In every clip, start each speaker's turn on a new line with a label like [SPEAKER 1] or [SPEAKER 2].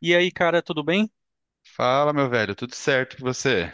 [SPEAKER 1] E aí, cara, tudo bem?
[SPEAKER 2] Fala, meu velho, tudo certo com você?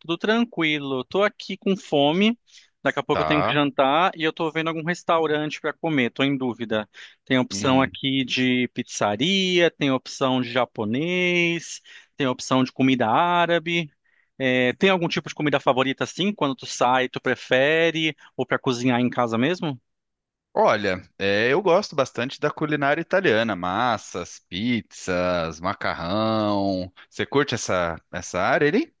[SPEAKER 1] Tudo tranquilo. Tô aqui com fome. Daqui a pouco eu tenho que
[SPEAKER 2] Tá.
[SPEAKER 1] jantar e eu tô vendo algum restaurante pra comer. Tô em dúvida. Tem opção
[SPEAKER 2] Uhum.
[SPEAKER 1] aqui de pizzaria, tem opção de japonês, tem opção de comida árabe. É, tem algum tipo de comida favorita assim? Quando tu sai, tu prefere? Ou pra cozinhar em casa mesmo?
[SPEAKER 2] Olha, eu gosto bastante da culinária italiana, massas, pizzas, macarrão. Você curte essa área ali?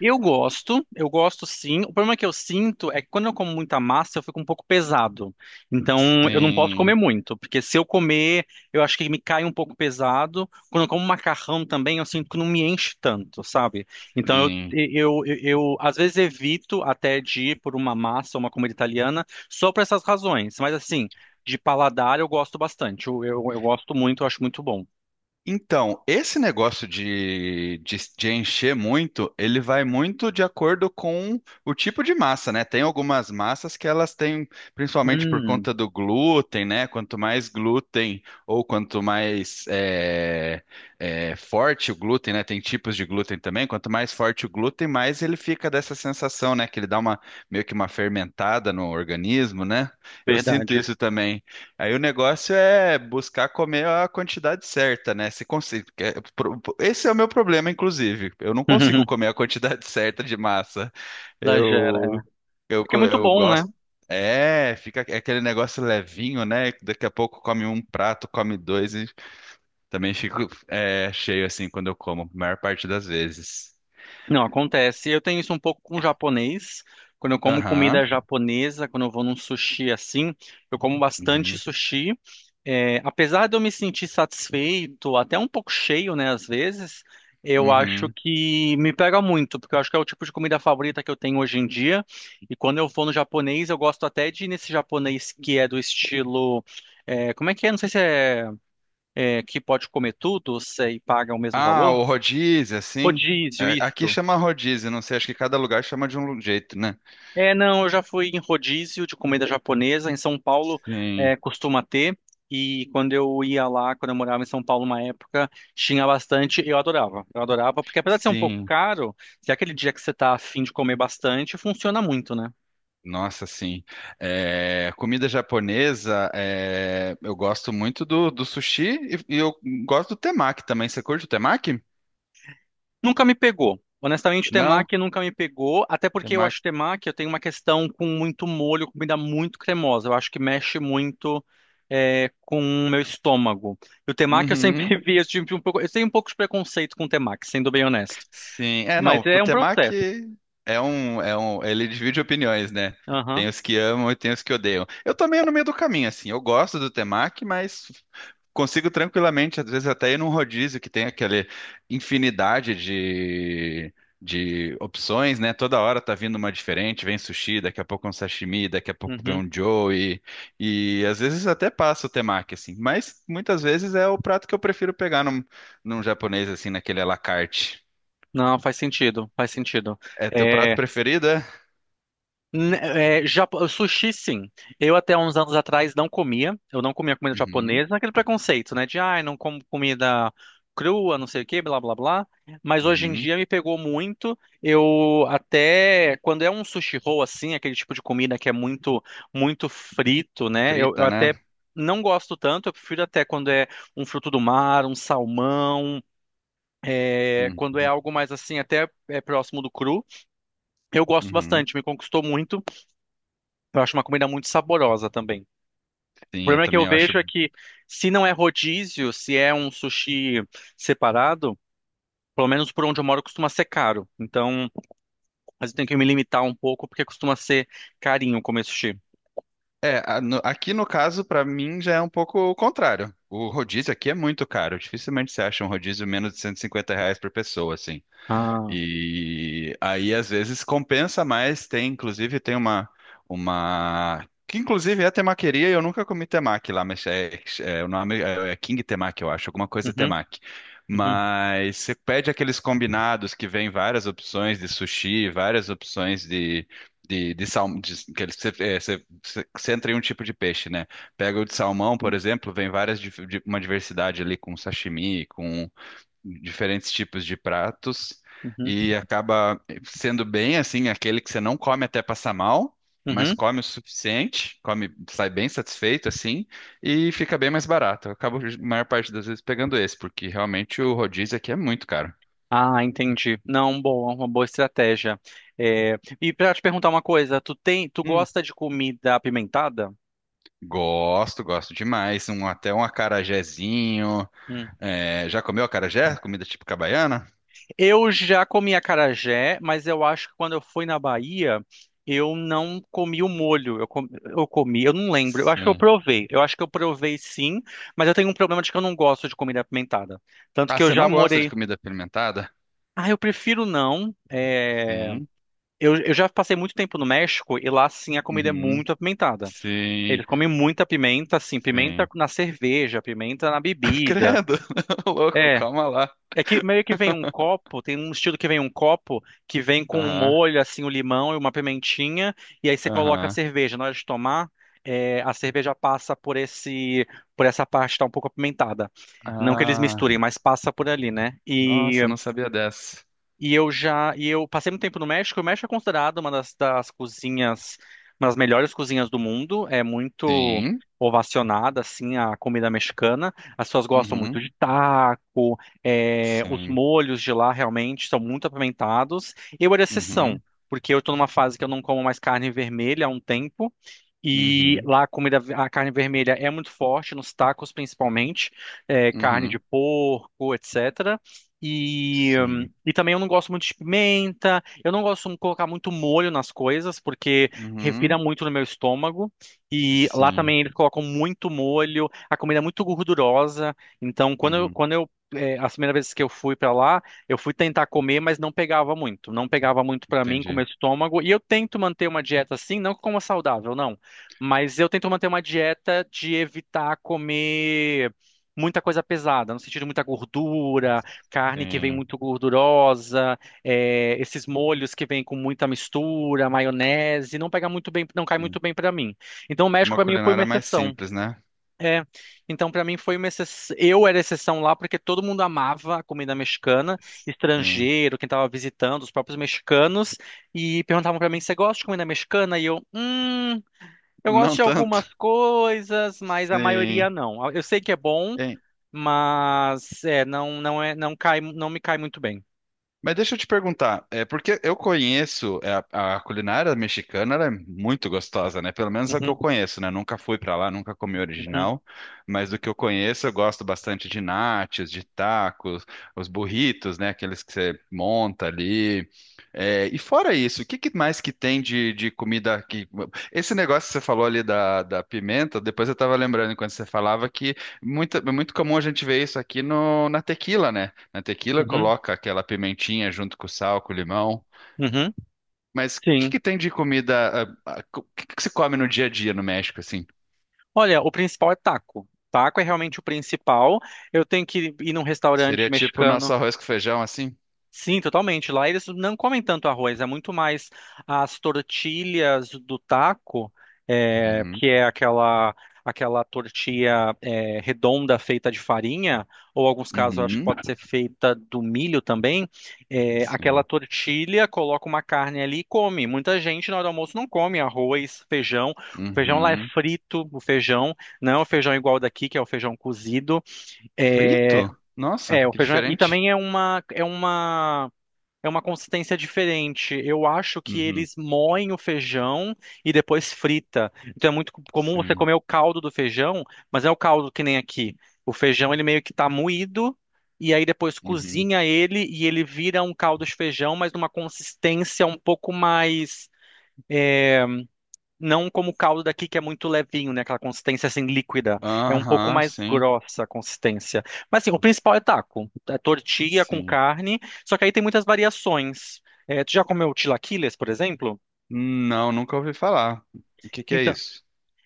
[SPEAKER 1] Eu gosto sim. O problema que eu sinto é que quando eu como muita massa, eu fico um pouco pesado. Então, eu não posso comer
[SPEAKER 2] Sim,
[SPEAKER 1] muito, porque se eu comer, eu acho que me cai um pouco pesado. Quando eu como macarrão também, eu sinto que não me enche tanto, sabe? Então, eu,
[SPEAKER 2] sim.
[SPEAKER 1] eu, eu, eu, às vezes evito até de ir por uma massa, uma comida italiana, só por essas razões. Mas assim, de paladar eu gosto bastante. Eu gosto muito, eu acho muito bom.
[SPEAKER 2] Então, esse negócio de encher muito, ele vai muito de acordo com o tipo de massa, né? Tem algumas massas que elas têm, principalmente por
[SPEAKER 1] Hum,
[SPEAKER 2] conta do glúten, né? Quanto mais glúten ou quanto mais forte o glúten, né? Tem tipos de glúten também. Quanto mais forte o glúten, mais ele fica dessa sensação, né? Que ele dá uma meio que uma fermentada no organismo, né? Eu sinto
[SPEAKER 1] verdade.
[SPEAKER 2] isso também. Aí o negócio é buscar comer a quantidade certa, né? Se consigo, esse é o meu problema, inclusive. Eu não consigo comer a quantidade certa de massa.
[SPEAKER 1] Exagera.
[SPEAKER 2] Eu, eu,
[SPEAKER 1] É que é
[SPEAKER 2] co-
[SPEAKER 1] muito
[SPEAKER 2] eu
[SPEAKER 1] bom, né?
[SPEAKER 2] gosto. É, fica aquele negócio levinho, né? Daqui a pouco come um prato, come dois e também fico cheio assim quando eu como, a maior parte das vezes.
[SPEAKER 1] Não, acontece. Eu tenho isso um pouco com o japonês. Quando eu como comida
[SPEAKER 2] Aham.
[SPEAKER 1] japonesa, quando eu vou num sushi assim, eu como bastante
[SPEAKER 2] Uhum.
[SPEAKER 1] sushi. Apesar de eu me sentir satisfeito, até um pouco cheio, né, às vezes, eu acho
[SPEAKER 2] Uhum.
[SPEAKER 1] que me pega muito, porque eu acho que é o tipo de comida favorita que eu tenho hoje em dia. E quando eu vou no japonês, eu gosto até de ir nesse japonês que é do estilo. Como é que é? Não sei se é, é que pode comer tudo, se e paga o mesmo
[SPEAKER 2] Ah,
[SPEAKER 1] valor.
[SPEAKER 2] o rodízio, assim.
[SPEAKER 1] Rodízio,
[SPEAKER 2] É, aqui
[SPEAKER 1] isso.
[SPEAKER 2] chama rodízio, não sei, acho que cada lugar chama de um jeito, né?
[SPEAKER 1] É, não, eu já fui em rodízio de comida japonesa. Em São Paulo,
[SPEAKER 2] Sim,
[SPEAKER 1] costuma ter. E quando eu ia lá, quando eu morava em São Paulo uma época, tinha bastante. Eu adorava. Eu adorava, porque apesar de ser um pouco
[SPEAKER 2] sim.
[SPEAKER 1] caro, se é aquele dia que você tá afim de comer bastante, funciona muito, né?
[SPEAKER 2] Nossa, sim. Comida japonesa, eu gosto muito do sushi e eu gosto do temaki também. Você curte o temaki?
[SPEAKER 1] Nunca me pegou. Honestamente, o
[SPEAKER 2] Não?
[SPEAKER 1] temaki nunca me pegou, até porque eu
[SPEAKER 2] Temaki.
[SPEAKER 1] acho temaki, eu tenho uma questão com muito molho, comida muito cremosa. Eu acho que mexe muito com o meu estômago. E o temaki eu
[SPEAKER 2] Uhum.
[SPEAKER 1] sempre vi, eu tive um pouco, eu tenho um pouco de preconceito com o temaki, sendo bem honesto.
[SPEAKER 2] Sim. É,
[SPEAKER 1] Mas
[SPEAKER 2] não, o
[SPEAKER 1] é um processo.
[SPEAKER 2] temaki ele divide opiniões, né?
[SPEAKER 1] Aham.
[SPEAKER 2] Tem os que amam e tem os que odeiam. Eu também meio no meio do caminho, assim. Eu gosto do temaki, mas consigo tranquilamente, às vezes até ir num rodízio que tem aquela infinidade de opções, né? Toda hora tá vindo uma diferente, vem sushi, daqui a pouco um sashimi, daqui a pouco vem
[SPEAKER 1] Uhum.
[SPEAKER 2] um joey, e às vezes até passa o temaki, assim. Mas muitas vezes é o prato que eu prefiro pegar num japonês, assim, naquele à la carte.
[SPEAKER 1] Não, faz sentido, faz sentido.
[SPEAKER 2] É teu prato
[SPEAKER 1] É,
[SPEAKER 2] preferido, é?
[SPEAKER 1] Sushi, sim. Eu até uns anos atrás não comia. Eu não comia comida
[SPEAKER 2] Uhum,
[SPEAKER 1] japonesa, naquele preconceito, né? De, ai, não como comida crua, não sei o quê, blá, blá, blá. Mas hoje em
[SPEAKER 2] uhum.
[SPEAKER 1] dia me pegou muito. Eu até, quando é um sushi roll, assim, aquele tipo de comida que é muito, muito frito, né? Eu
[SPEAKER 2] Frita, né?
[SPEAKER 1] até não gosto tanto. Eu prefiro até quando é um fruto do mar, um salmão, quando é
[SPEAKER 2] Uhum,
[SPEAKER 1] algo mais assim, próximo do cru. Eu gosto
[SPEAKER 2] uhum.
[SPEAKER 1] bastante, me conquistou muito. Eu acho uma comida muito saborosa também. O
[SPEAKER 2] Sim, eu
[SPEAKER 1] problema que eu
[SPEAKER 2] também acho.
[SPEAKER 1] vejo é que, se não é rodízio, se é um sushi separado, pelo menos por onde eu moro costuma ser caro. Então, mas eu tenho que me limitar um pouco porque costuma ser carinho comer sushi.
[SPEAKER 2] Aqui no caso, pra mim, já é um pouco o contrário. O rodízio aqui é muito caro. Dificilmente você acha um rodízio menos de 150 reais por pessoa, assim.
[SPEAKER 1] Ah.
[SPEAKER 2] E aí, às vezes, compensa mais. Tem, inclusive, tem uma... Que, inclusive, é temaqueria e eu nunca comi temaki lá, mas o nome é King Temaki, eu acho, alguma coisa
[SPEAKER 1] Uhum,
[SPEAKER 2] temaki.
[SPEAKER 1] uhum,
[SPEAKER 2] Mas você pede aqueles combinados que vem várias opções de sushi, várias opções de... De salmão, que eles- você, é, você, você você entra em um tipo de peixe, né? Pega o de salmão, por
[SPEAKER 1] sim,
[SPEAKER 2] exemplo, vem várias, uma diversidade ali com sashimi, diferentes tipos de pratos
[SPEAKER 1] uhum,
[SPEAKER 2] e acaba sendo bem assim aquele que você não come até passar mal, mas
[SPEAKER 1] uhum.
[SPEAKER 2] come o suficiente, come, sai bem satisfeito assim e fica bem mais barato. Eu acabo a maior parte das vezes pegando esse, porque realmente o rodízio aqui é muito caro.
[SPEAKER 1] Ah, entendi. Não, boa, uma boa estratégia. E pra te perguntar uma coisa, tu
[SPEAKER 2] Hum.
[SPEAKER 1] gosta de comida apimentada?
[SPEAKER 2] Gosto, gosto demais. Até um acarajézinho. É, já comeu acarajé? Comida típica baiana?
[SPEAKER 1] Eu já comi acarajé, mas eu acho que quando eu fui na Bahia, eu não comi o molho. Eu comi, eu não lembro. Eu acho que eu
[SPEAKER 2] Sim.
[SPEAKER 1] provei. Eu acho que eu provei sim, mas eu tenho um problema de que eu não gosto de comida apimentada. Tanto
[SPEAKER 2] Ah,
[SPEAKER 1] que eu
[SPEAKER 2] você
[SPEAKER 1] já
[SPEAKER 2] não gosta de
[SPEAKER 1] morei.
[SPEAKER 2] comida fermentada?
[SPEAKER 1] Ah, eu prefiro não. É,
[SPEAKER 2] Sim.
[SPEAKER 1] Eu, eu já passei muito tempo no México e lá sim a comida é
[SPEAKER 2] Uhum.
[SPEAKER 1] muito apimentada.
[SPEAKER 2] Sim.
[SPEAKER 1] Eles comem muita pimenta, assim, pimenta
[SPEAKER 2] Sim.
[SPEAKER 1] na cerveja, pimenta na bebida.
[SPEAKER 2] Credo, louco,
[SPEAKER 1] É.
[SPEAKER 2] calma lá.
[SPEAKER 1] É que meio que vem um copo, tem um estilo que vem um copo que vem com um
[SPEAKER 2] Aham,
[SPEAKER 1] molho, assim, o limão e uma pimentinha, e aí você coloca a
[SPEAKER 2] aham.
[SPEAKER 1] cerveja. Na hora de tomar, a cerveja passa por essa parte que tá um pouco apimentada. Não que eles misturem,
[SPEAKER 2] Ah,
[SPEAKER 1] mas passa por ali, né?
[SPEAKER 2] nossa, não sabia dessa.
[SPEAKER 1] E eu passei muito tempo no México. O México é considerado uma das cozinhas, uma das melhores cozinhas do mundo. É muito
[SPEAKER 2] Sim,
[SPEAKER 1] ovacionada, assim, a comida mexicana. As pessoas gostam muito
[SPEAKER 2] uhum,
[SPEAKER 1] de taco. Os
[SPEAKER 2] sim,
[SPEAKER 1] molhos de lá realmente são muito apimentados. Eu era
[SPEAKER 2] uhum,
[SPEAKER 1] exceção, porque eu estou numa fase que eu não como mais carne vermelha há um tempo. E
[SPEAKER 2] uhum,
[SPEAKER 1] lá a comida, a carne vermelha é muito forte, nos tacos principalmente, carne de
[SPEAKER 2] uhum,
[SPEAKER 1] porco, etc. E,
[SPEAKER 2] sim,
[SPEAKER 1] e também eu não gosto muito de pimenta, eu não gosto de colocar muito molho nas coisas, porque revira
[SPEAKER 2] uhum,
[SPEAKER 1] muito no meu estômago. E lá
[SPEAKER 2] sim,
[SPEAKER 1] também eles colocam muito molho, a comida é muito gordurosa, então
[SPEAKER 2] uhum,
[SPEAKER 1] as primeiras vezes que eu fui para lá, eu fui tentar comer, mas não pegava muito. Não pegava muito para mim com o
[SPEAKER 2] entendi.
[SPEAKER 1] meu estômago. E eu tento manter uma dieta assim, não como saudável, não. Mas eu tento manter uma dieta de evitar comer muita coisa pesada, no sentido de muita gordura, carne que vem
[SPEAKER 2] Sim,
[SPEAKER 1] muito gordurosa, esses molhos que vêm com muita mistura, maionese, não pega muito bem, não cai muito
[SPEAKER 2] sim.
[SPEAKER 1] bem para mim. Então o México
[SPEAKER 2] Uma
[SPEAKER 1] para mim foi uma
[SPEAKER 2] culinária mais
[SPEAKER 1] exceção.
[SPEAKER 2] simples, né?
[SPEAKER 1] É, então para mim foi uma exceção. Eu era exceção lá porque todo mundo amava a comida mexicana,
[SPEAKER 2] Sim.
[SPEAKER 1] estrangeiro, quem estava visitando, os próprios mexicanos, e perguntavam para mim, você gosta de comida mexicana? E eu. Eu gosto
[SPEAKER 2] Não
[SPEAKER 1] de
[SPEAKER 2] tanto?
[SPEAKER 1] algumas coisas, mas a
[SPEAKER 2] Sim.
[SPEAKER 1] maioria não. Eu sei que é bom, mas é, não, não é, não cai, não me cai muito bem.
[SPEAKER 2] Mas deixa eu te perguntar, é porque eu conheço a culinária mexicana, ela é muito gostosa, né? Pelo menos a que
[SPEAKER 1] Uhum,
[SPEAKER 2] eu conheço, né? Nunca fui pra lá, nunca comi
[SPEAKER 1] uhum,
[SPEAKER 2] original, mas do que eu conheço, eu gosto bastante de nachos, de tacos, os burritos, né? Aqueles que você monta ali. É, e fora isso, o que que mais que tem de comida que... Esse negócio que você falou ali da pimenta, depois eu tava lembrando enquanto você falava que é muito comum a gente ver isso aqui no, na tequila, né? Na tequila
[SPEAKER 1] uhum,
[SPEAKER 2] coloca aquela pimentinha junto com o sal, com o limão.
[SPEAKER 1] uhum.
[SPEAKER 2] Mas o que
[SPEAKER 1] Sim.
[SPEAKER 2] que tem de comida? O que que se come no dia a dia no México, assim?
[SPEAKER 1] Olha, o principal é taco. Taco é realmente o principal. Eu tenho que ir num restaurante
[SPEAKER 2] Seria tipo o
[SPEAKER 1] mexicano.
[SPEAKER 2] nosso arroz com feijão, assim?
[SPEAKER 1] Sim, totalmente. Lá eles não comem tanto arroz, é muito mais as tortilhas do taco,
[SPEAKER 2] Uhum.
[SPEAKER 1] que é aquela tortilha redonda feita de farinha, ou alguns casos eu acho que
[SPEAKER 2] Uhum.
[SPEAKER 1] pode ser feita do milho também. Aquela
[SPEAKER 2] Sim.
[SPEAKER 1] tortilha coloca uma carne ali e come. Muita gente na hora do almoço não come arroz, feijão. O feijão lá é
[SPEAKER 2] Uhum.
[SPEAKER 1] frito, o feijão, não é o feijão igual daqui, que é o feijão cozido. É,
[SPEAKER 2] Frito? Nossa,
[SPEAKER 1] o
[SPEAKER 2] que
[SPEAKER 1] feijão, e
[SPEAKER 2] diferente.
[SPEAKER 1] também é uma consistência diferente. Eu acho que
[SPEAKER 2] Uhum.
[SPEAKER 1] eles moem o feijão e depois frita. Então é muito comum você
[SPEAKER 2] Sim.
[SPEAKER 1] comer o caldo do feijão, mas não é o caldo que nem aqui. O feijão ele meio que tá moído e aí depois
[SPEAKER 2] Uhum.
[SPEAKER 1] cozinha ele e ele vira um caldo de feijão, mas numa consistência um pouco mais não como o caldo daqui, que é muito levinho, né? Aquela consistência assim líquida. É um pouco
[SPEAKER 2] Aham,
[SPEAKER 1] mais
[SPEAKER 2] sim.
[SPEAKER 1] grossa a consistência. Mas assim, o principal é taco. É tortilha com
[SPEAKER 2] Sim.
[SPEAKER 1] carne, só que aí tem muitas variações. Tu já comeu tilaquiles, por exemplo?
[SPEAKER 2] Não, nunca ouvi falar. O que que é
[SPEAKER 1] Então,
[SPEAKER 2] isso?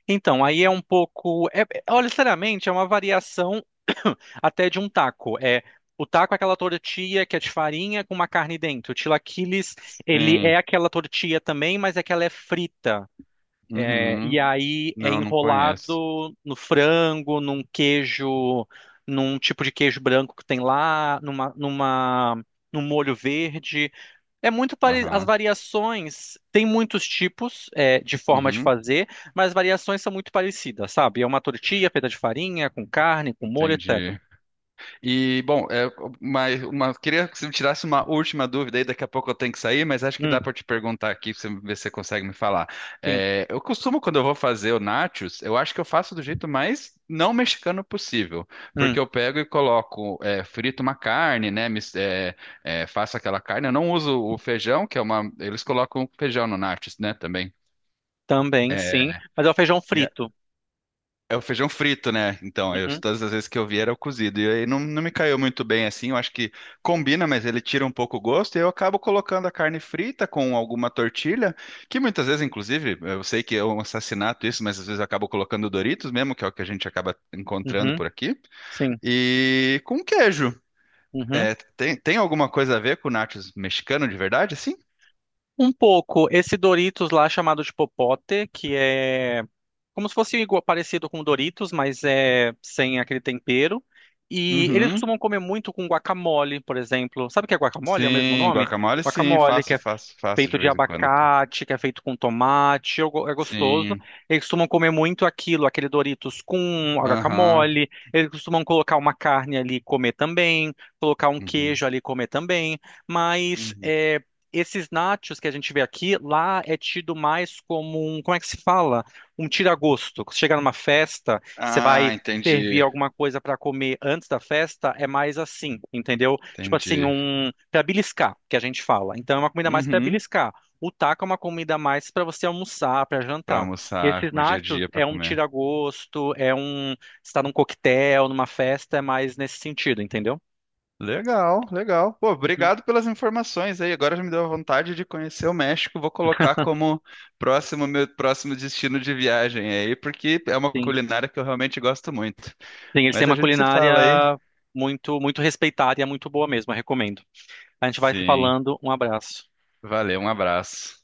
[SPEAKER 1] então, aí é um pouco. Olha, sinceramente, é uma variação até de um taco. O taco é aquela tortilha que é de farinha com uma carne dentro. O tilaquiles, ele é
[SPEAKER 2] Sim.
[SPEAKER 1] aquela tortilha também, mas é que ela é frita. É,
[SPEAKER 2] Uhum.
[SPEAKER 1] E aí é
[SPEAKER 2] Não, não conheço.
[SPEAKER 1] enrolado no frango, num queijo, num tipo de queijo branco que tem lá, num molho verde. As
[SPEAKER 2] Aham.
[SPEAKER 1] variações, tem muitos tipos de forma de
[SPEAKER 2] Uhum.
[SPEAKER 1] fazer, mas as variações são muito parecidas, sabe? É uma tortilha feita de farinha, com carne, com molho, etc.
[SPEAKER 2] Entendi. E, bom, queria que você me tirasse uma última dúvida aí, daqui a pouco eu tenho que sair, mas acho que
[SPEAKER 1] Hum,
[SPEAKER 2] dá para te perguntar aqui, pra você ver se você consegue me falar.
[SPEAKER 1] sim.
[SPEAKER 2] É, eu costumo, quando eu vou fazer o nachos, eu acho que eu faço do jeito mais não mexicano possível, porque
[SPEAKER 1] Hum,
[SPEAKER 2] eu pego e coloco, frito uma carne, né, faço aquela carne, eu não uso o feijão, que é uma... Eles colocam feijão no nachos, né, também.
[SPEAKER 1] também, sim. Mas é o feijão frito.
[SPEAKER 2] É o feijão frito, né? Então,
[SPEAKER 1] Uhum,
[SPEAKER 2] todas as vezes que eu vi era o cozido. E aí não, não me caiu muito bem assim. Eu acho que combina, mas ele tira um pouco o gosto. E eu acabo colocando a carne frita com alguma tortilha, que muitas vezes, inclusive, eu sei que é um assassinato isso, mas às vezes eu acabo colocando Doritos mesmo, que é o que a gente acaba encontrando
[SPEAKER 1] uhum,
[SPEAKER 2] por aqui.
[SPEAKER 1] sim.
[SPEAKER 2] E com queijo.
[SPEAKER 1] Uhum.
[SPEAKER 2] É, tem alguma coisa a ver com nachos mexicano de verdade, assim?
[SPEAKER 1] Um pouco, esse Doritos lá chamado de popote. Que é Como se fosse igual, parecido com Doritos, mas é sem aquele tempero. E eles
[SPEAKER 2] Uhum.
[SPEAKER 1] costumam comer muito com guacamole, por exemplo. Sabe o que é guacamole? É o mesmo
[SPEAKER 2] Sim,
[SPEAKER 1] nome?
[SPEAKER 2] guacamole, sim.
[SPEAKER 1] Guacamole, que
[SPEAKER 2] Faço,
[SPEAKER 1] é
[SPEAKER 2] faço, faço de
[SPEAKER 1] feito de
[SPEAKER 2] vez em quando aqui.
[SPEAKER 1] abacate, que é feito com tomate, é gostoso.
[SPEAKER 2] Sim.
[SPEAKER 1] Eles costumam comer muito aquilo, aquele Doritos com
[SPEAKER 2] Aham.
[SPEAKER 1] guacamole. Eles costumam colocar uma carne ali e comer também, colocar um
[SPEAKER 2] Uhum.
[SPEAKER 1] queijo ali e comer também. Mas
[SPEAKER 2] Uhum.
[SPEAKER 1] esses nachos que a gente vê aqui, lá é tido mais como um, como é que se fala? Um tira-gosto. Você chega numa festa, você
[SPEAKER 2] Ah,
[SPEAKER 1] vai servir
[SPEAKER 2] entendi.
[SPEAKER 1] alguma coisa para comer antes da festa, é mais assim, entendeu? Tipo assim,
[SPEAKER 2] Entendi.
[SPEAKER 1] um para beliscar, que a gente fala. Então é uma comida mais para
[SPEAKER 2] Uhum.
[SPEAKER 1] beliscar. O taco é uma comida mais para você almoçar, para
[SPEAKER 2] Para
[SPEAKER 1] jantar.
[SPEAKER 2] almoçar,
[SPEAKER 1] Esses
[SPEAKER 2] pro dia a
[SPEAKER 1] nachos
[SPEAKER 2] dia, para
[SPEAKER 1] é um
[SPEAKER 2] comer.
[SPEAKER 1] tira-gosto, está num coquetel, numa festa, é mais nesse sentido, entendeu?
[SPEAKER 2] Legal, legal. Pô,
[SPEAKER 1] Uhum.
[SPEAKER 2] obrigado pelas informações aí. Agora já me deu a vontade de conhecer o México. Vou colocar como próximo meu próximo destino de viagem aí, porque é uma
[SPEAKER 1] Sim.
[SPEAKER 2] culinária que eu realmente gosto muito.
[SPEAKER 1] Sim, eles têm
[SPEAKER 2] Mas a
[SPEAKER 1] uma
[SPEAKER 2] gente se
[SPEAKER 1] culinária
[SPEAKER 2] fala aí.
[SPEAKER 1] muito muito respeitada e é muito boa mesmo, eu recomendo. A gente vai se
[SPEAKER 2] Sim.
[SPEAKER 1] falando. Um abraço.
[SPEAKER 2] Valeu, um abraço.